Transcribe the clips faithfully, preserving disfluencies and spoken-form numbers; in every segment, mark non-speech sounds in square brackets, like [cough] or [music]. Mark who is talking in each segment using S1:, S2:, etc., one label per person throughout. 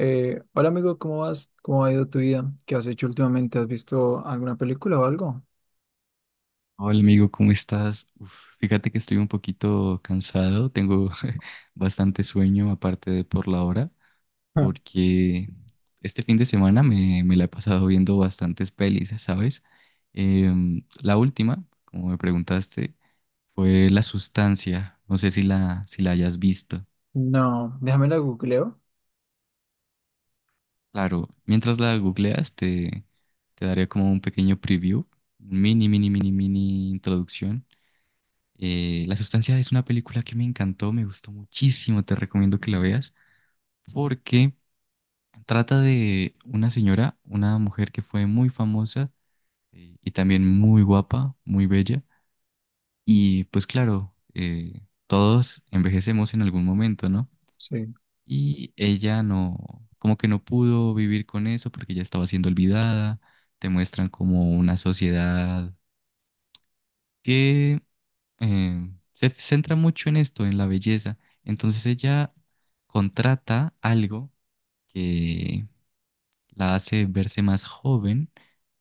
S1: Eh, hola amigo, ¿cómo vas? ¿Cómo ha ido tu vida? ¿Qué has hecho últimamente? ¿Has visto alguna película o algo?
S2: Hola amigo, ¿cómo estás? Uf, fíjate que estoy un poquito cansado, tengo [laughs] bastante sueño aparte de por la hora,
S1: Ah.
S2: porque este fin de semana me, me la he pasado viendo bastantes pelis, ¿sabes? Em, la última, como me preguntaste, fue La Sustancia, no sé si la, si la hayas visto.
S1: No, déjame la googleo.
S2: Claro, mientras la googleas te, te daré como un pequeño preview, mini, mini, mini, mini introducción. Eh, La Sustancia es una película que me encantó, me gustó muchísimo, te recomiendo que la veas porque trata de una señora, una mujer que fue muy famosa, eh, y también muy guapa, muy bella. Y pues claro, eh, todos envejecemos en algún momento, ¿no?
S1: Sí.
S2: Y ella no, como que no pudo vivir con eso porque ya estaba siendo olvidada. Te muestran como una sociedad que eh, se centra mucho en esto, en la belleza. Entonces ella contrata algo que la hace verse más joven,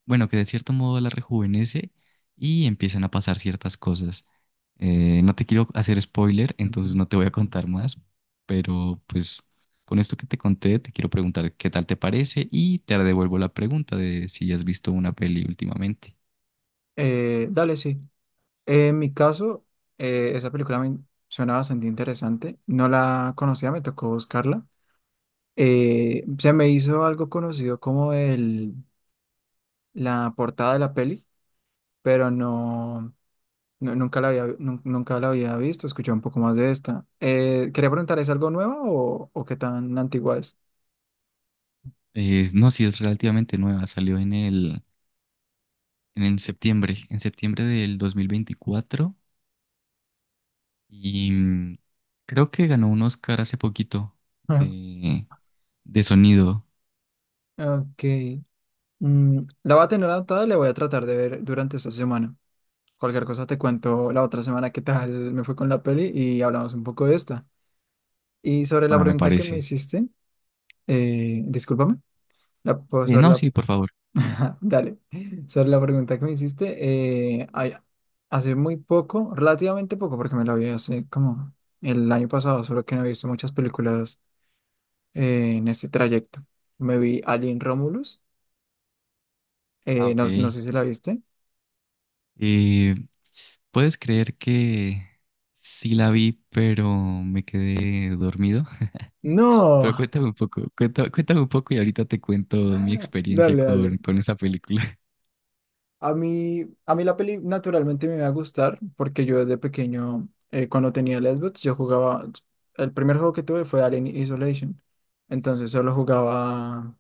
S2: bueno, que de cierto modo la rejuvenece y empiezan a pasar ciertas cosas. Eh, no te quiero hacer spoiler, entonces
S1: Ujú.
S2: no te voy a contar más, pero pues con esto que te conté, te quiero preguntar qué tal te parece y te devuelvo la pregunta de si has visto una peli últimamente.
S1: Eh, dale, sí. Eh, en mi caso, eh, esa película me suena bastante interesante. No la conocía, me tocó buscarla. Eh, se me hizo algo conocido como el, la portada de la peli, pero no. No, nunca la había, nun- nunca la había visto, escuché un poco más de esta. Eh, quería preguntar, ¿es algo nuevo o, o qué tan antigua es?
S2: Eh, no, si es relativamente nueva, salió en el en septiembre, en septiembre del dos mil veinticuatro y mm, creo que ganó un Oscar hace poquito
S1: Ah.
S2: de, de sonido,
S1: Ok. Mm, la voy a tener anotada y la voy a tratar de ver durante esta semana. Cualquier cosa te cuento la otra semana qué tal me fue con la peli y hablamos un poco de esta. Y sobre la
S2: ah, me
S1: pregunta que me
S2: parece.
S1: hiciste, eh, discúlpame. La, pues,
S2: Eh,
S1: sobre
S2: no,
S1: la
S2: sí, por favor.
S1: [laughs] Dale, sobre la pregunta que me hiciste, eh, ay- hace muy poco, relativamente poco, porque me la vi hace como el año pasado, solo que no he visto muchas películas eh, en este trayecto. Me vi Alien Romulus,
S2: Ah,
S1: eh,
S2: ok.
S1: no, no sé si la viste.
S2: Eh, ¿Puedes creer que sí la vi, pero me quedé dormido? [laughs] Pero
S1: No,
S2: cuéntame un poco, cuenta- cuéntame un poco y ahorita te cuento mi experiencia
S1: dale,
S2: con,
S1: dale.
S2: con esa película. [laughs]
S1: A mí, a mí la peli naturalmente me va a gustar, porque yo desde pequeño, eh, cuando tenía Xbox, yo jugaba, el primer juego que tuve fue Alien Isolation, entonces solo jugaba...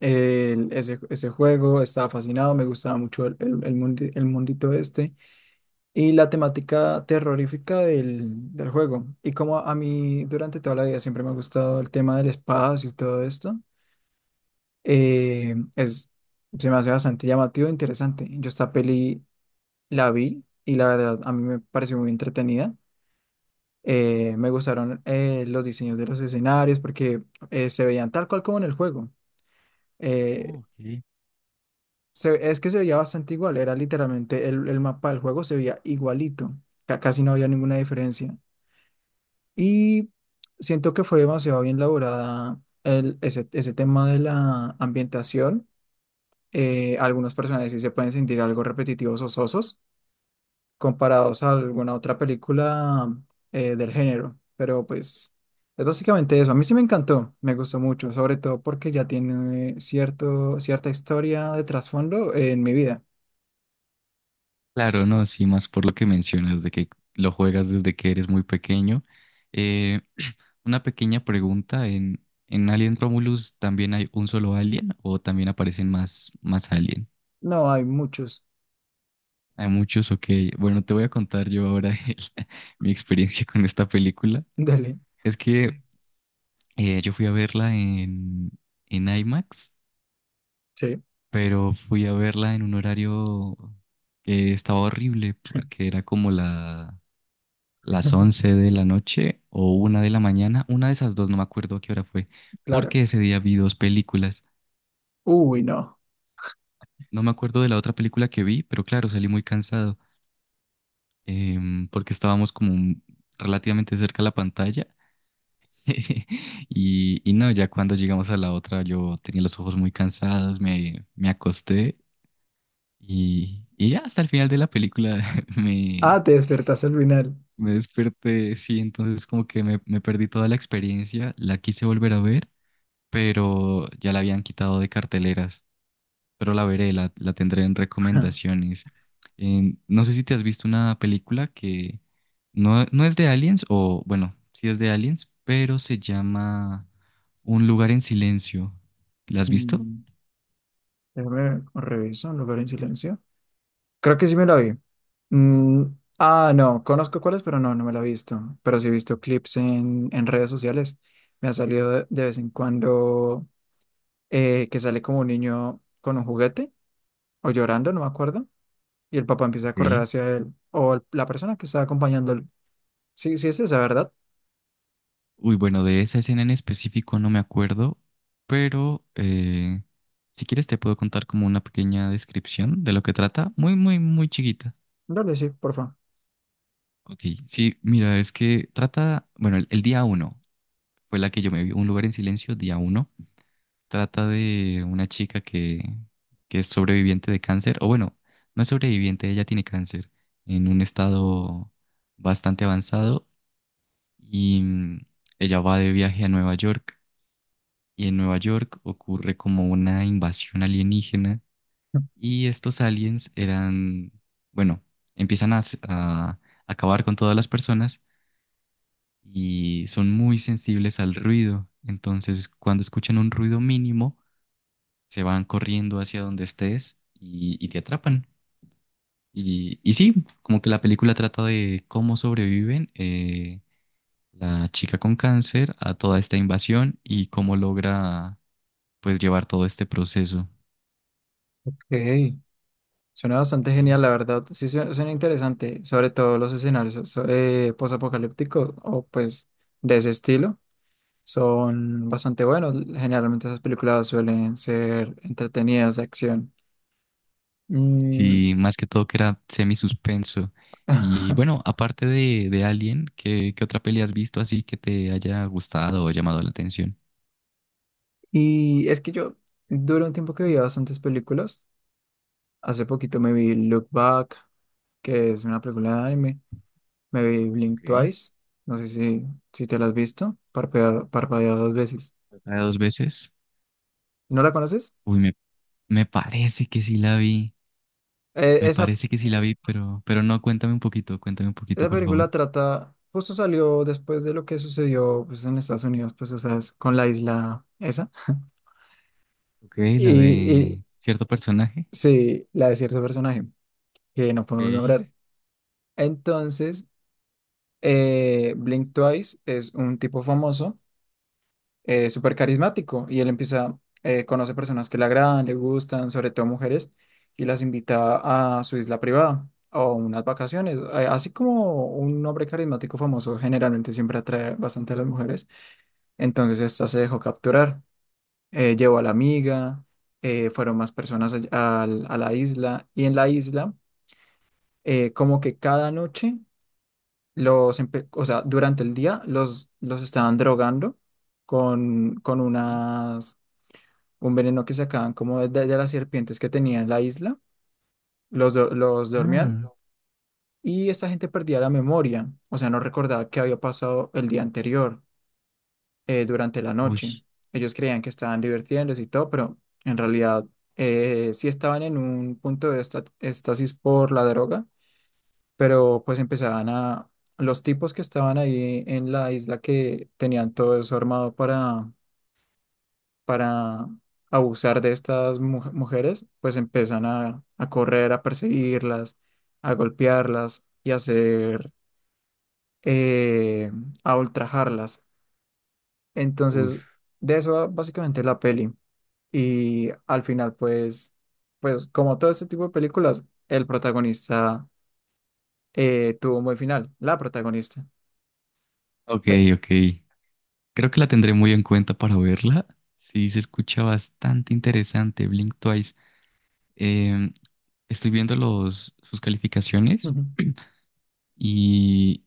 S1: el- ese, ese juego, estaba fascinado, me gustaba mucho el, el, el mundi- el mundito este y la temática terrorífica del, del juego. Y como a mí durante toda la vida siempre me ha gustado el tema del espacio y todo esto, eh, es, se me hace bastante llamativo e interesante. Yo esta peli la vi y la verdad a mí me pareció muy entretenida. Eh, me gustaron eh, los diseños de los escenarios porque eh, se veían tal cual como en el juego.
S2: Oh,
S1: Eh,
S2: ok.
S1: Se- es que se veía bastante igual, era literalmente el, el mapa del juego, se veía igualito, ca- casi no había ninguna diferencia. Y siento que fue demasiado bien elaborada el, ese, ese tema de la ambientación. Eh, algunos personajes sí se pueden sentir algo repetitivos o sosos comparados a alguna otra película eh, del género, pero pues es básicamente eso. A mí sí me encantó, me gustó mucho, sobre todo porque ya tiene cierto, cierta historia de trasfondo en mi vida.
S2: Claro, no, sí, más por lo que mencionas de que lo juegas desde que eres muy pequeño. Eh, una pequeña pregunta, ¿en, en Alien Romulus también hay un solo alien o también aparecen más, más alien?
S1: No, hay muchos.
S2: Hay muchos, ok. Bueno, te voy a contar yo ahora [laughs] el- mi experiencia con esta película.
S1: [laughs] Dele.
S2: Es que eh, yo fui a verla en, en IMAX,
S1: Sí,
S2: pero fui a verla en un horario que estaba horrible porque era como la las once de la noche o una de la mañana, una de esas dos, no me acuerdo a qué hora fue,
S1: claro.
S2: porque ese día vi dos películas.
S1: Uy, no.
S2: No me acuerdo de la otra película que vi, pero claro, salí muy cansado, em, porque estábamos como un- relativamente cerca a la pantalla. [laughs] Y, y no, ya cuando llegamos a la otra, yo tenía los ojos muy cansados, me, me acosté y, y ya hasta el final de la película [laughs] me,
S1: Ah, te despertaste al final.
S2: me desperté, sí, entonces como que me, me perdí toda la experiencia, la quise volver a ver pero ya la habían quitado de carteleras. Pero la veré, la, la tendré en
S1: Ajá. [laughs]
S2: recomendaciones. En- no sé si te has visto una película que no, no es de Aliens, o bueno, sí es de Aliens, pero se llama Un lugar en silencio. ¿La has visto?
S1: Mm, Déjame reviso, un lugar en silencio. Creo que sí me la vi. Mm, ah, no, conozco cuáles, pero no, no me la he visto. Pero sí he visto clips en, en redes sociales. Me ha salido de, de vez en cuando, eh, que sale como un niño con un juguete o llorando, no me acuerdo. Y el papá empieza a correr
S2: Ok.
S1: hacia él o el- la persona que está acompañándolo. Sí, sí es esa, ¿verdad?
S2: Uy, bueno, de esa escena en específico no me acuerdo, pero eh, si quieres te puedo contar como una pequeña descripción de lo que trata, muy, muy, muy chiquita.
S1: Dale, sí, por favor.
S2: Ok, sí, mira, es que trata, bueno, el, el día uno fue la que yo me vi, Un lugar en silencio, día uno. Trata de una chica que, que es sobreviviente de cáncer, o bueno, no es sobreviviente, ella tiene cáncer en un estado bastante avanzado y mm, ella va de viaje a Nueva York y en Nueva York ocurre como una invasión alienígena y estos aliens eran, bueno, empiezan a, s- a acabar con todas las personas y son muy sensibles al ruido. Entonces, cuando escuchan un ruido mínimo, se van corriendo hacia donde estés y, y te atrapan. Y, y sí, como que la película trata de cómo sobreviven eh, la chica con cáncer a toda esta invasión y cómo logra pues llevar todo este proceso.
S1: Ok, suena bastante
S2: Ok.
S1: genial, la verdad. Sí, su- suena interesante, sobre todo los escenarios so- so-, eh, posapocalípticos, o pues de ese estilo. Son bastante buenos. Generalmente esas películas suelen ser entretenidas, de acción. Mm.
S2: Sí, más que todo que era semi suspenso. Y bueno,
S1: [laughs]
S2: aparte de, de Alien, ¿qué, qué otra peli has visto así que te haya gustado o llamado la atención?
S1: Y es que yo duré un tiempo que veía bastantes películas. Hace poquito me vi Look Back, que es una película de anime. Me vi Blink
S2: Ok,
S1: Twice. No sé si, si te la has visto. Parpadea, parpadea dos veces.
S2: la de dos veces.
S1: ¿No la conoces?
S2: Uy, me, me parece que sí la vi.
S1: Eh,
S2: Me
S1: esa,
S2: parece que sí la vi, pero, pero no, cuéntame un poquito, cuéntame un poquito,
S1: esa
S2: por
S1: película
S2: favor.
S1: trata, justo salió después de lo que sucedió, pues, en Estados Unidos, pues, o sea, es con la isla esa.
S2: Ok,
S1: Y,
S2: la
S1: y
S2: de cierto personaje.
S1: sí, la de cierto personaje que no podemos
S2: Ok.
S1: nombrar. Entonces, eh, Blink Twice es un tipo famoso, eh, súper carismático, y él empieza, eh, conoce personas que le agradan, le gustan, sobre todo mujeres, y las invita a su isla privada. O unas vacaciones. Eh, así como un hombre carismático famoso generalmente siempre atrae bastante a las mujeres. Entonces esta se dejó capturar, eh, llevó a la amiga, eh, fueron más personas all- al- a, la isla, y en la isla, eh, como que cada noche los, empe- o sea, durante el día los, los estaban drogando con, con
S2: Sí.
S1: unas, un veneno que sacaban como de, de las serpientes que tenían en la isla, los, do- los dormían,
S2: Ah,
S1: y esta gente perdía la memoria, o sea, no recordaba qué había pasado el día anterior, eh, durante la
S2: uy,
S1: noche. Ellos creían que estaban divirtiéndose y todo, pero en realidad eh, sí estaban en un punto de esta- estasis por la droga, pero pues empezaban a... Los tipos que estaban ahí en la isla, que tenían todo eso armado para, para abusar de estas mu- mujeres, pues empiezan a, a correr, a perseguirlas, a golpearlas y a hacer, eh, a ultrajarlas. Entonces,
S2: uf.
S1: de eso va básicamente la peli. Y al final, pues, pues como todo este tipo de películas, el protagonista, eh, tuvo un buen final, la protagonista.
S2: Ok,
S1: Te-
S2: ok. Creo que la tendré muy en cuenta para verla. Sí, se escucha bastante interesante, Blink Twice. Em, Estoy viendo los, sus calificaciones
S1: Ujú.
S2: y,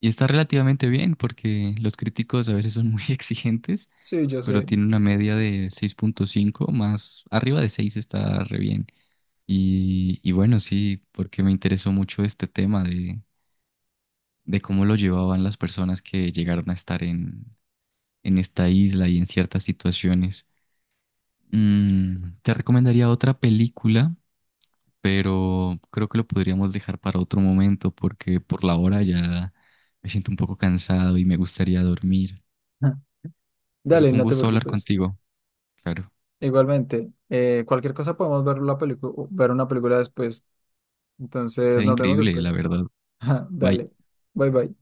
S2: y está relativamente bien porque los críticos a veces son muy [laughs] exigentes,
S1: Sí, yo
S2: pero
S1: sé.
S2: tiene una media de seis punto cinco. Más arriba de seis está re bien. Y, y bueno, sí, porque me interesó mucho este tema de, de cómo lo llevaban las personas que llegaron a estar en, en esta isla y en ciertas situaciones. Mm, te recomendaría otra película, pero creo que lo podríamos dejar para otro momento porque por la hora ya me siento un poco cansado y me gustaría dormir.
S1: Ajá.
S2: Pero
S1: Dale,
S2: fue un
S1: no te
S2: gusto hablar
S1: preocupes.
S2: contigo, claro.
S1: Igualmente, eh, cualquier cosa, podemos ver la película, ver una película después. Entonces,
S2: Estaría
S1: nos vemos
S2: increíble, la
S1: después.
S2: verdad.
S1: [laughs]
S2: Bye.
S1: Dale. Bye bye.